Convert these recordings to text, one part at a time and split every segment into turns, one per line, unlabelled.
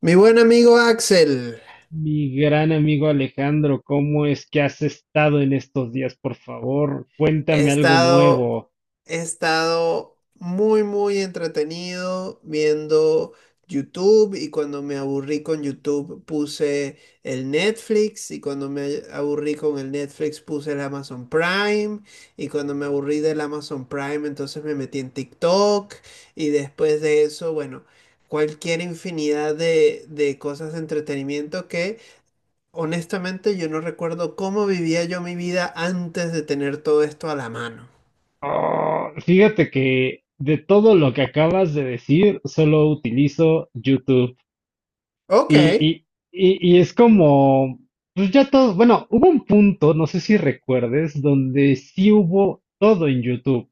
Mi buen amigo Axel,
Mi gran amigo Alejandro, ¿cómo es que has estado en estos días? Por favor,
he
cuéntame algo
estado,
nuevo.
he estado muy, muy entretenido viendo YouTube, y cuando me aburrí con YouTube puse el Netflix, y cuando me aburrí con el Netflix puse el Amazon Prime, y cuando me aburrí del Amazon Prime entonces me metí en TikTok. Y después de eso, bueno, cualquier infinidad de cosas de entretenimiento que... Honestamente, yo no recuerdo cómo vivía yo mi vida antes de tener todo esto a la mano.
Ah, fíjate que de todo lo que acabas de decir, solo utilizo YouTube.
Ok,
Y es como, pues ya todo, bueno, hubo un punto, no sé si recuerdes, donde sí hubo todo en YouTube.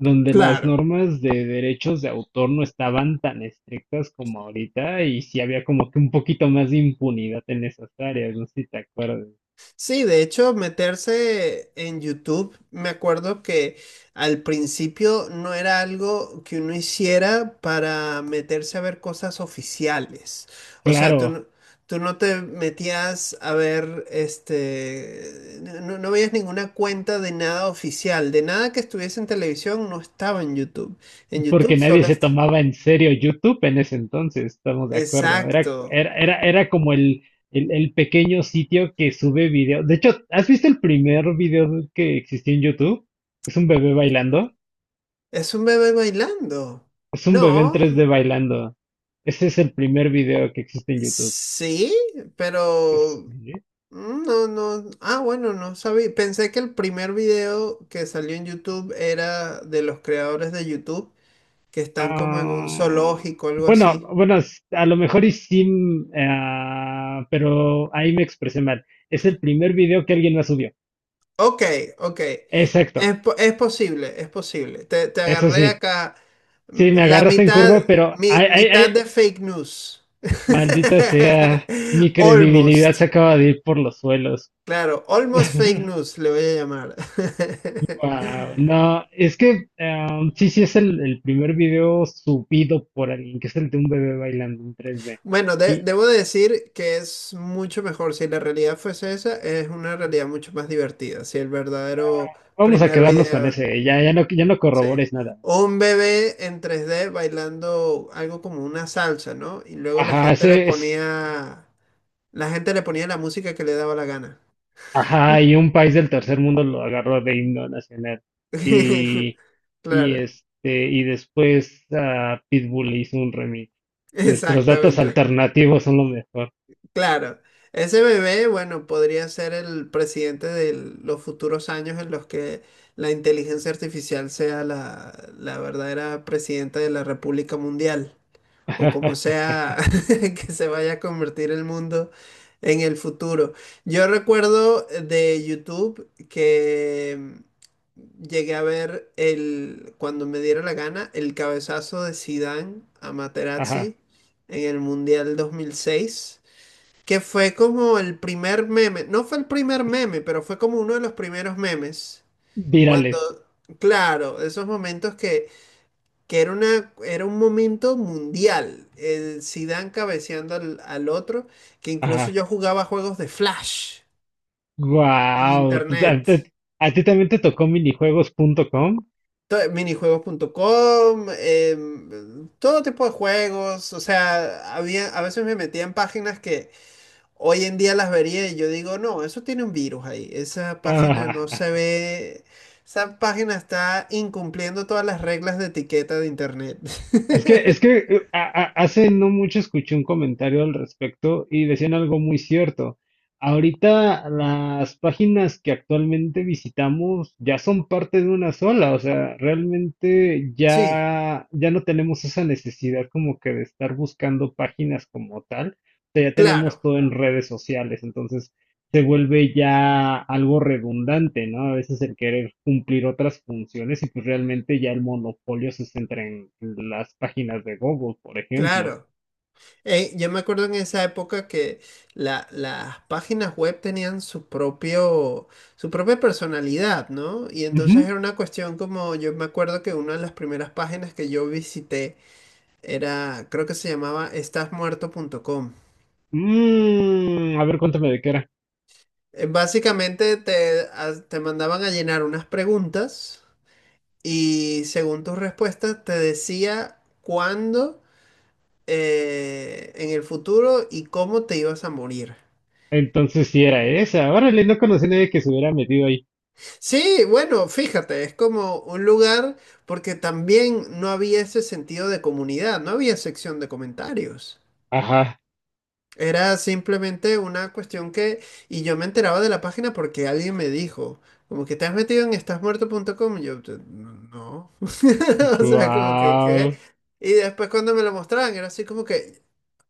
Donde las
claro.
normas de derechos de autor no estaban tan estrictas como ahorita y sí había como que un poquito más de impunidad en esas áreas, no sé si te acuerdas.
Sí, de hecho, meterse en YouTube, me acuerdo que al principio no era algo que uno hiciera para meterse a ver cosas oficiales. O sea, tú
Claro,
no, tú no te metías a ver, no, no veías ninguna cuenta de nada oficial, de nada que estuviese en televisión, no estaba en YouTube. En YouTube
porque nadie
solo
se
está...
tomaba en serio YouTube en ese entonces, estamos de acuerdo. Era,
Exacto.
era, era, era como el pequeño sitio que sube video. De hecho, ¿has visto el primer video que existió en YouTube? Es un bebé bailando.
Es un bebé bailando.
Es un bebé en tres
No,
d bailando. Ese es el primer video que existe en YouTube.
sí, pero no, no. Ah, bueno, no sabía. Pensé que el primer video que salió en YouTube era de los creadores de YouTube, que están como en un
Ah,
zoológico, algo así.
a lo mejor y sí, pero ahí me expresé mal. Es el primer video que alguien más subió.
Ok, ok.
Exacto,
Es, es posible, es posible. Te
eso
agarré
sí.
acá
Sí, me
la
agarraste en
mitad,
curva, pero ay, ay,
mitad
ay,
de fake news.
maldita sea, mi credibilidad se
Almost.
acaba de ir por los suelos.
Claro, almost fake news le voy a llamar.
Wow, no, es que sí, sí es el primer video subido por alguien, que es el de un bebé bailando en 3D.
Bueno,
Y
debo decir que es mucho mejor. Si la realidad fuese esa, es una realidad mucho más divertida. Si el verdadero
vamos a
primer
quedarnos con
video,
ese, ya, ya no, ya no
sí,
corrobores nada.
un bebé en 3D bailando algo como una salsa, ¿no? Y luego la
Ajá,
gente le
ese es,
ponía, la gente le ponía la música que le daba la gana.
ajá, y un país del tercer mundo lo agarró de himno nacional. Y, y
Claro,
este, y después Pitbull le hizo un remix. Nuestros datos
exactamente.
alternativos son lo mejor.
Claro, ese bebé, bueno, podría ser el presidente de los futuros años en los que la inteligencia artificial sea la verdadera presidenta de la República Mundial, o como sea que se vaya a convertir el mundo en el futuro. Yo recuerdo de YouTube que llegué a ver el, cuando me diera la gana, el cabezazo de Zidane a
Ajá,
Materazzi en el Mundial 2006, que fue como el primer meme, no fue el primer meme, pero fue como uno de los primeros memes. Cuando,
virales.
claro, esos momentos que era una, era un momento mundial. El Zidane cabeceando al otro, que incluso
Ajá.
yo jugaba juegos de Flash en
Wow.
internet.
¿A ti también te tocó minijuegos.com?
Minijuegos.com, todo tipo de juegos, o sea, había, a veces me metía en páginas que... Hoy en día las vería y yo digo, no, eso tiene un virus ahí. Esa página no se ve. Esa página está incumpliendo todas las reglas de etiqueta de internet.
Es que, hace no mucho escuché un comentario al respecto y decían algo muy cierto. Ahorita las páginas que actualmente visitamos ya son parte de una sola, o sea, realmente
Sí,
ya, ya no tenemos esa necesidad como que de estar buscando páginas como tal, o sea, ya tenemos
claro,
todo en redes sociales, entonces se vuelve ya algo redundante, ¿no? A veces el querer cumplir otras funciones y pues realmente ya el monopolio se centra en las páginas de Google, por ejemplo.
claro. Yo me acuerdo en esa época que las páginas web tenían su propio, su propia personalidad, ¿no? Y entonces era
Ujú.
una cuestión como, yo me acuerdo que una de las primeras páginas que yo visité era, creo que se llamaba estasmuerto.com.
Mm, a ver, cuéntame de qué era.
Básicamente te, te mandaban a llenar unas preguntas, y según tus respuestas te decía cuándo en el futuro y cómo te ibas a morir.
Entonces sí era esa. Órale, no conocí a nadie que se hubiera metido ahí.
Sí, bueno, fíjate, es como un lugar porque también no había ese sentido de comunidad, no había sección de comentarios.
Ajá.
Era simplemente una cuestión que, y yo me enteraba de la página porque alguien me dijo, como que te has metido en estasmuerto.com, y yo, "Te- no", o sea, como que, ¿qué?
Guau.
Y después cuando me lo mostraban, era así como que,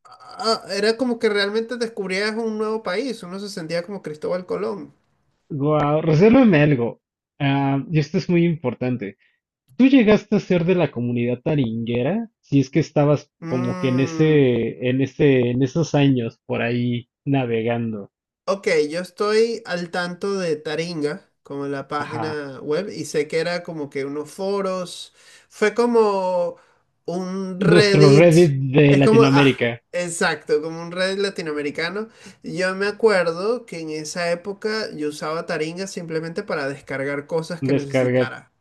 ah, era como que realmente descubrías un nuevo país, uno se sentía como Cristóbal Colón.
Guau. Resérvame algo. Ah, y esto es muy importante. ¿Tú llegaste a ser de la comunidad taringuera? Si es que estabas como que en
Mm.
ese, en ese, en esos años por ahí navegando.
Ok, yo estoy al tanto de Taringa, como la
Ajá.
página web, y sé que era como que unos foros, fue como un
Nuestro
Reddit,
Reddit de
es como, ah,
Latinoamérica.
exacto, como un Reddit latinoamericano. Yo me acuerdo que en esa época yo usaba Taringa simplemente para descargar cosas que
Descarga
necesitara.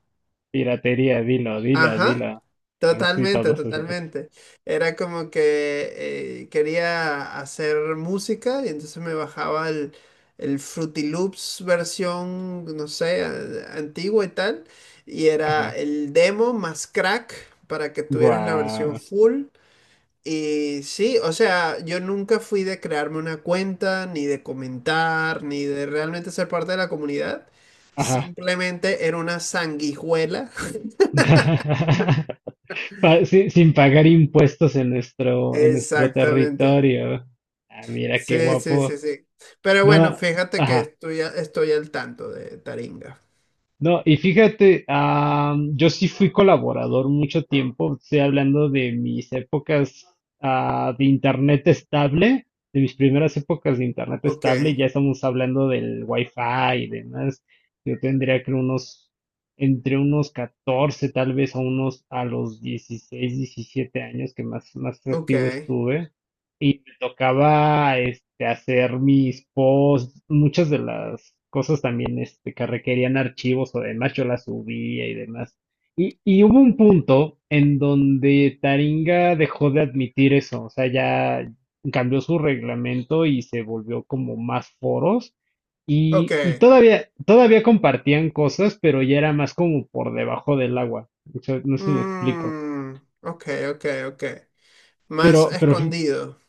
piratería, dilo, dilo,
Ajá,
dilo. Sí,
totalmente,
todos esos.
totalmente. Era como que quería hacer música y entonces me bajaba el Fruity Loops versión, no sé, antigua y tal. Y era
Ajá.
el demo más crack para que tuvieras la versión
Guau.
full. Y sí, o sea, yo nunca fui de crearme una cuenta, ni de comentar, ni de realmente ser parte de la comunidad.
Ajá.
Simplemente era una sanguijuela.
Sin, sin pagar impuestos en nuestro
Exactamente.
territorio. Ah, mira qué
Sí, sí,
guapo.
sí, sí. Pero bueno,
No.
fíjate que
Ajá.
estoy, estoy al tanto de Taringa.
No, y fíjate, yo sí fui colaborador mucho tiempo, estoy hablando de mis épocas de internet estable, de mis primeras épocas de internet
Ok,
estable, ya estamos hablando del wifi y demás. Yo tendría que unos, entre unos 14, tal vez a unos, a los 16, 17 años que más, más
ok,
activo estuve. Y me tocaba este, hacer mis posts, muchas de las cosas también este, que requerían archivos o demás, yo las subía y demás. Y hubo un punto en donde Taringa dejó de admitir eso, o sea, ya cambió su reglamento y se volvió como más foros.
ok.
Y todavía, todavía compartían cosas, pero ya era más como por debajo del agua. O sea, no sé si me explico.
Mm, ok, ok, ok.
Pero,
Más
pero, fí-
escondido.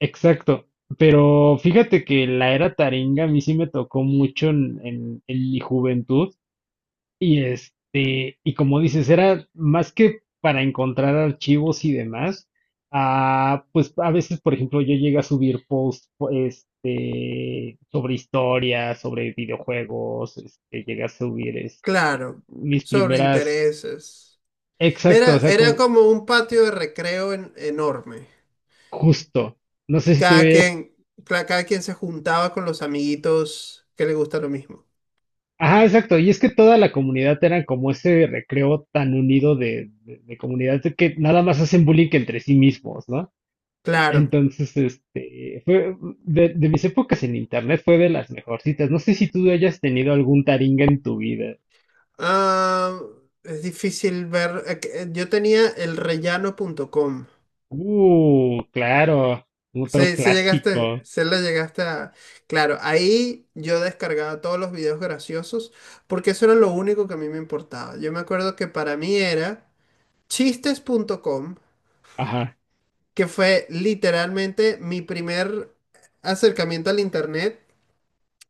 exacto. Pero fíjate que la era Taringa a mí sí me tocó mucho en mi juventud. Y este, y como dices, era más que para encontrar archivos y demás, ah, pues a veces, por ejemplo, yo llegué a subir posts este, sobre historias, sobre videojuegos, este, llegué a subir este,
Claro.
mis
Sobre
primeras,
intereses.
exacto,
Era,
o sea,
era
como
como un patio de recreo enorme.
justo, no sé
Y
si tú
cada
ves,
quien, cada quien se juntaba con los amiguitos que le gusta lo mismo.
ajá, exacto, y es que toda la comunidad era como ese recreo tan unido de comunidad de que nada más hacen bullying entre sí mismos, ¿no?
Claro.
Entonces, este, fue de mis épocas en internet fue de las mejorcitas. No sé si tú hayas tenido algún taringa en tu vida.
Ah, es difícil ver. Yo tenía el rellano.com.
Claro, otro
Sí, sí llegaste,
clásico.
se le llegaste a... Claro, ahí yo descargaba todos los videos graciosos porque eso era lo único que a mí me importaba. Yo me acuerdo que para mí era chistes.com,
Ajá,
que fue literalmente mi primer acercamiento al internet,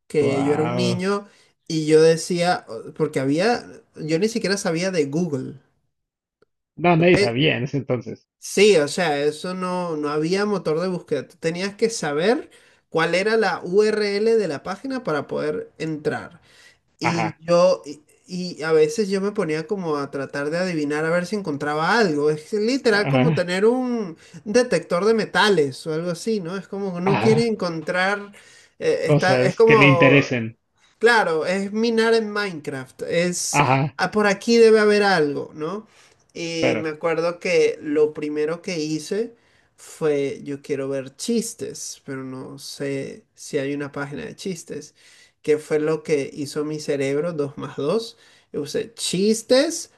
que yo era un
wow.
niño y yo decía, porque había, yo ni siquiera sabía de Google.
No, nadie
¿Ok?
sabía en ese entonces.
Sí, o sea, eso no, no había motor de búsqueda. Tú tenías que saber cuál era la URL de la página para poder entrar. Y
Ajá,
yo, y, y a veces yo me ponía como a tratar de adivinar a ver si encontraba algo. Es literal como
ajá,
tener un detector de metales o algo así, ¿no? Es como que uno quiere
ajá.
encontrar, es
Cosas que le
como...
interesen.
Claro, es minar en Minecraft. Es,
Ajá,
ah, por aquí debe haber algo, ¿no? Y
claro.
me acuerdo que lo primero que hice fue, yo quiero ver chistes, pero no sé si hay una página de chistes, que fue lo que hizo mi cerebro, 2 más 2. Yo usé chistes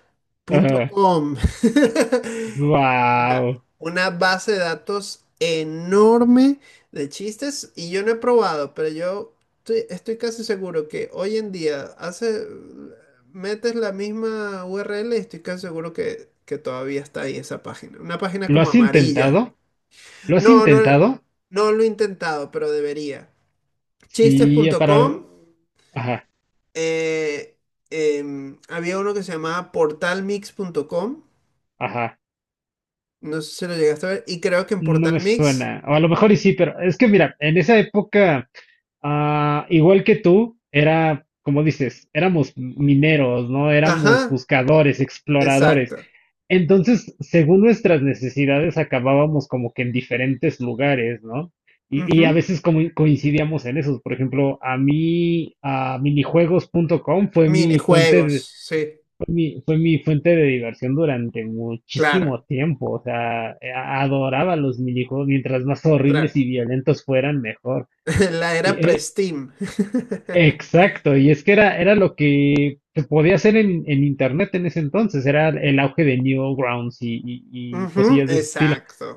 Punto
Ajá.
.com. Mira,
Wow.
una base de datos enorme de chistes, y yo no he probado, pero yo estoy, estoy casi seguro que hoy en día hace, metes la misma URL y estoy casi seguro que todavía está ahí esa página. Una página
¿Lo
como
has
amarilla.
intentado? ¿Lo has
No, no,
intentado?
no lo he intentado, pero debería.
Sí, para.
Chistes.com.
Ajá,
eh, había uno que se llamaba portalmix.com.
ajá.
No sé si lo llegaste a ver. Y creo que en
No
Portal
me
Mix.
suena. O a lo mejor y sí, pero es que mira, en esa época, ah, igual que tú, era, como dices, éramos mineros, ¿no? Éramos
Ajá,
buscadores, exploradores.
exacto.
Entonces, según nuestras necesidades, acabábamos como que en diferentes lugares, ¿no? Y a
Ujú.
veces como coincidíamos en esos. Por ejemplo, a mí, a minijuegos punto com fue mi
Minijuegos,
fuente
sí,
fue mi fuente de diversión durante
claro,
muchísimo tiempo. O sea, adoraba los minijuegos, mientras más
claro.
horribles y violentos fueran, mejor.
La era
E- e-
pre-Steam.
exacto, y es que era, era lo que se podía hacer en internet en ese entonces, era el auge de Newgrounds y
Ujú,
cosillas de ese estilo.
exacto.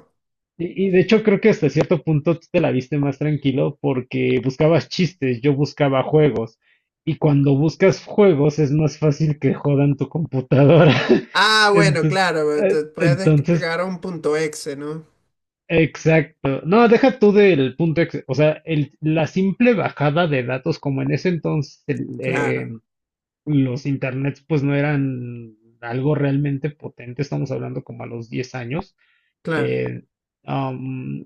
Y de hecho creo que hasta cierto punto tú te la viste más tranquilo porque buscabas chistes, yo buscaba juegos. Y cuando buscas juegos es más fácil que jodan tu computadora.
Ah, bueno,
Entonces,
claro, te puedes
entonces,
descargar un punto exe, ¿no?
exacto. No, deja tú del punto, o sea, la simple bajada de datos, como en ese entonces
Claro,
los internets pues no eran algo realmente potente, estamos hablando como a los 10 años.
claro,
eh, um,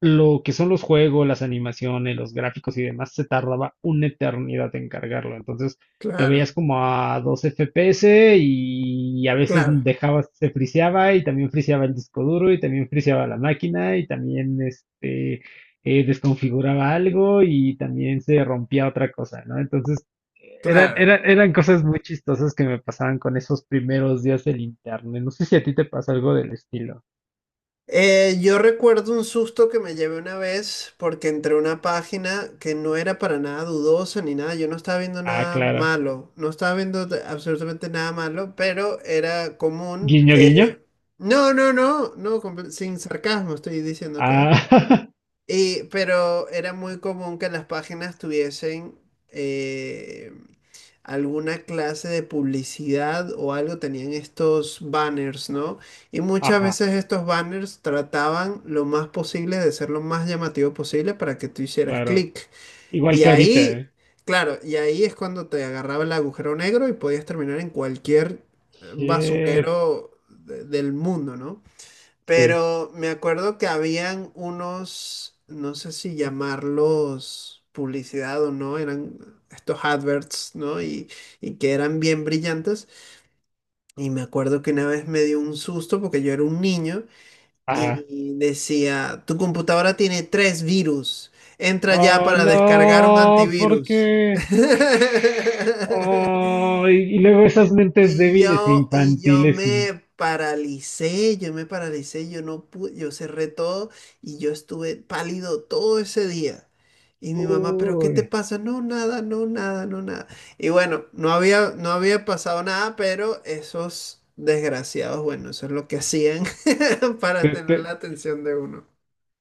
lo que son los juegos, las animaciones, los gráficos y demás, se tardaba una eternidad en cargarlo. Entonces lo
claro,
veías como a 2 FPS y a veces
claro,
dejaba, se friseaba y también friseaba el disco duro y también friseaba la máquina y también este desconfiguraba algo y también se rompía otra cosa, ¿no? Entonces
claro.
eran cosas muy chistosas que me pasaban con esos primeros días del internet. No sé si a ti te pasa algo del estilo.
Yo recuerdo un susto que me llevé una vez porque entré a una página que no era para nada dudosa ni nada. Yo no estaba viendo
Ah,
nada
claro.
malo, no estaba viendo absolutamente nada malo, pero era común
Guiño, guiño.
que... No, no, no, no, sin sarcasmo estoy diciendo acá.
Ah,
Y, pero era muy común que las páginas tuviesen eh, alguna clase de publicidad o algo, tenían estos banners, ¿no? Y muchas
ajá,
veces estos banners trataban lo más posible de ser lo más llamativo posible para que tú hicieras
claro.
clic.
Igual
Y
que ahorita,
ahí,
¿eh?
claro, y ahí es cuando te agarraba el agujero negro y podías terminar en cualquier
Shit,
basurero del mundo, ¿no?
sí,
Pero me acuerdo que habían unos, no sé si llamarlos publicidad o no, eran estos adverts, ¿no? Y que eran bien brillantes. Y me acuerdo que una vez me dio un susto porque yo era un niño
ajá.
y decía, tu computadora tiene tres virus, entra ya
Oh,
para descargar un
no, ¿por
antivirus.
qué? Oh, y luego esas mentes débiles e
Y yo
infantiles y...
me paralicé, yo me paralicé, yo no pude, yo cerré todo y yo estuve pálido todo ese día. Y mi mamá, ¿pero qué
Uy,
te pasa? No, nada, no, nada, no, nada. Y bueno, no había, no había pasado nada, pero esos desgraciados, bueno, eso es lo que hacían para
te,
tener
te-
la atención de uno.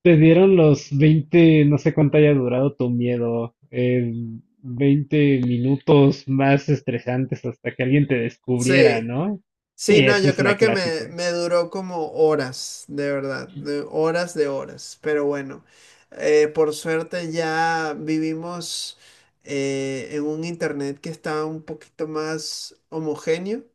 te dieron los veinte no sé cuánto haya durado tu miedo, 20 minutos más estresantes hasta que alguien te descubriera,
Sí,
¿no?
sí,
Sí,
no,
esa
yo
es
creo
la
que me,
clásica.
me duró como horas, de verdad, de horas, pero bueno, por suerte ya vivimos en un internet que está un poquito más homogéneo,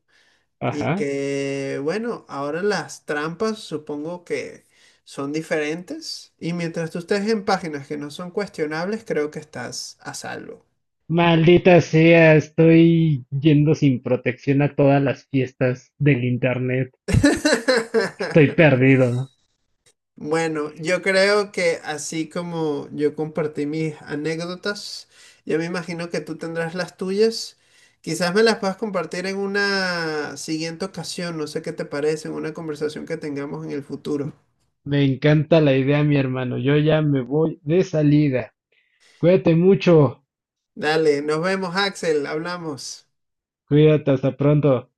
y
Ajá.
que, bueno, ahora las trampas supongo que son diferentes, y mientras tú estés en páginas que no son cuestionables, creo que estás a salvo.
Maldita sea, estoy yendo sin protección a todas las fiestas del internet. Estoy perdido.
Bueno, yo creo que así como yo compartí mis anécdotas, yo me imagino que tú tendrás las tuyas. Quizás me las puedas compartir en una siguiente ocasión, no sé qué te parece, en una conversación que tengamos en el futuro.
Me encanta la idea, mi hermano. Yo ya me voy de salida. Cuídate mucho.
Dale, nos vemos, Axel, hablamos.
Cuídate, hasta pronto.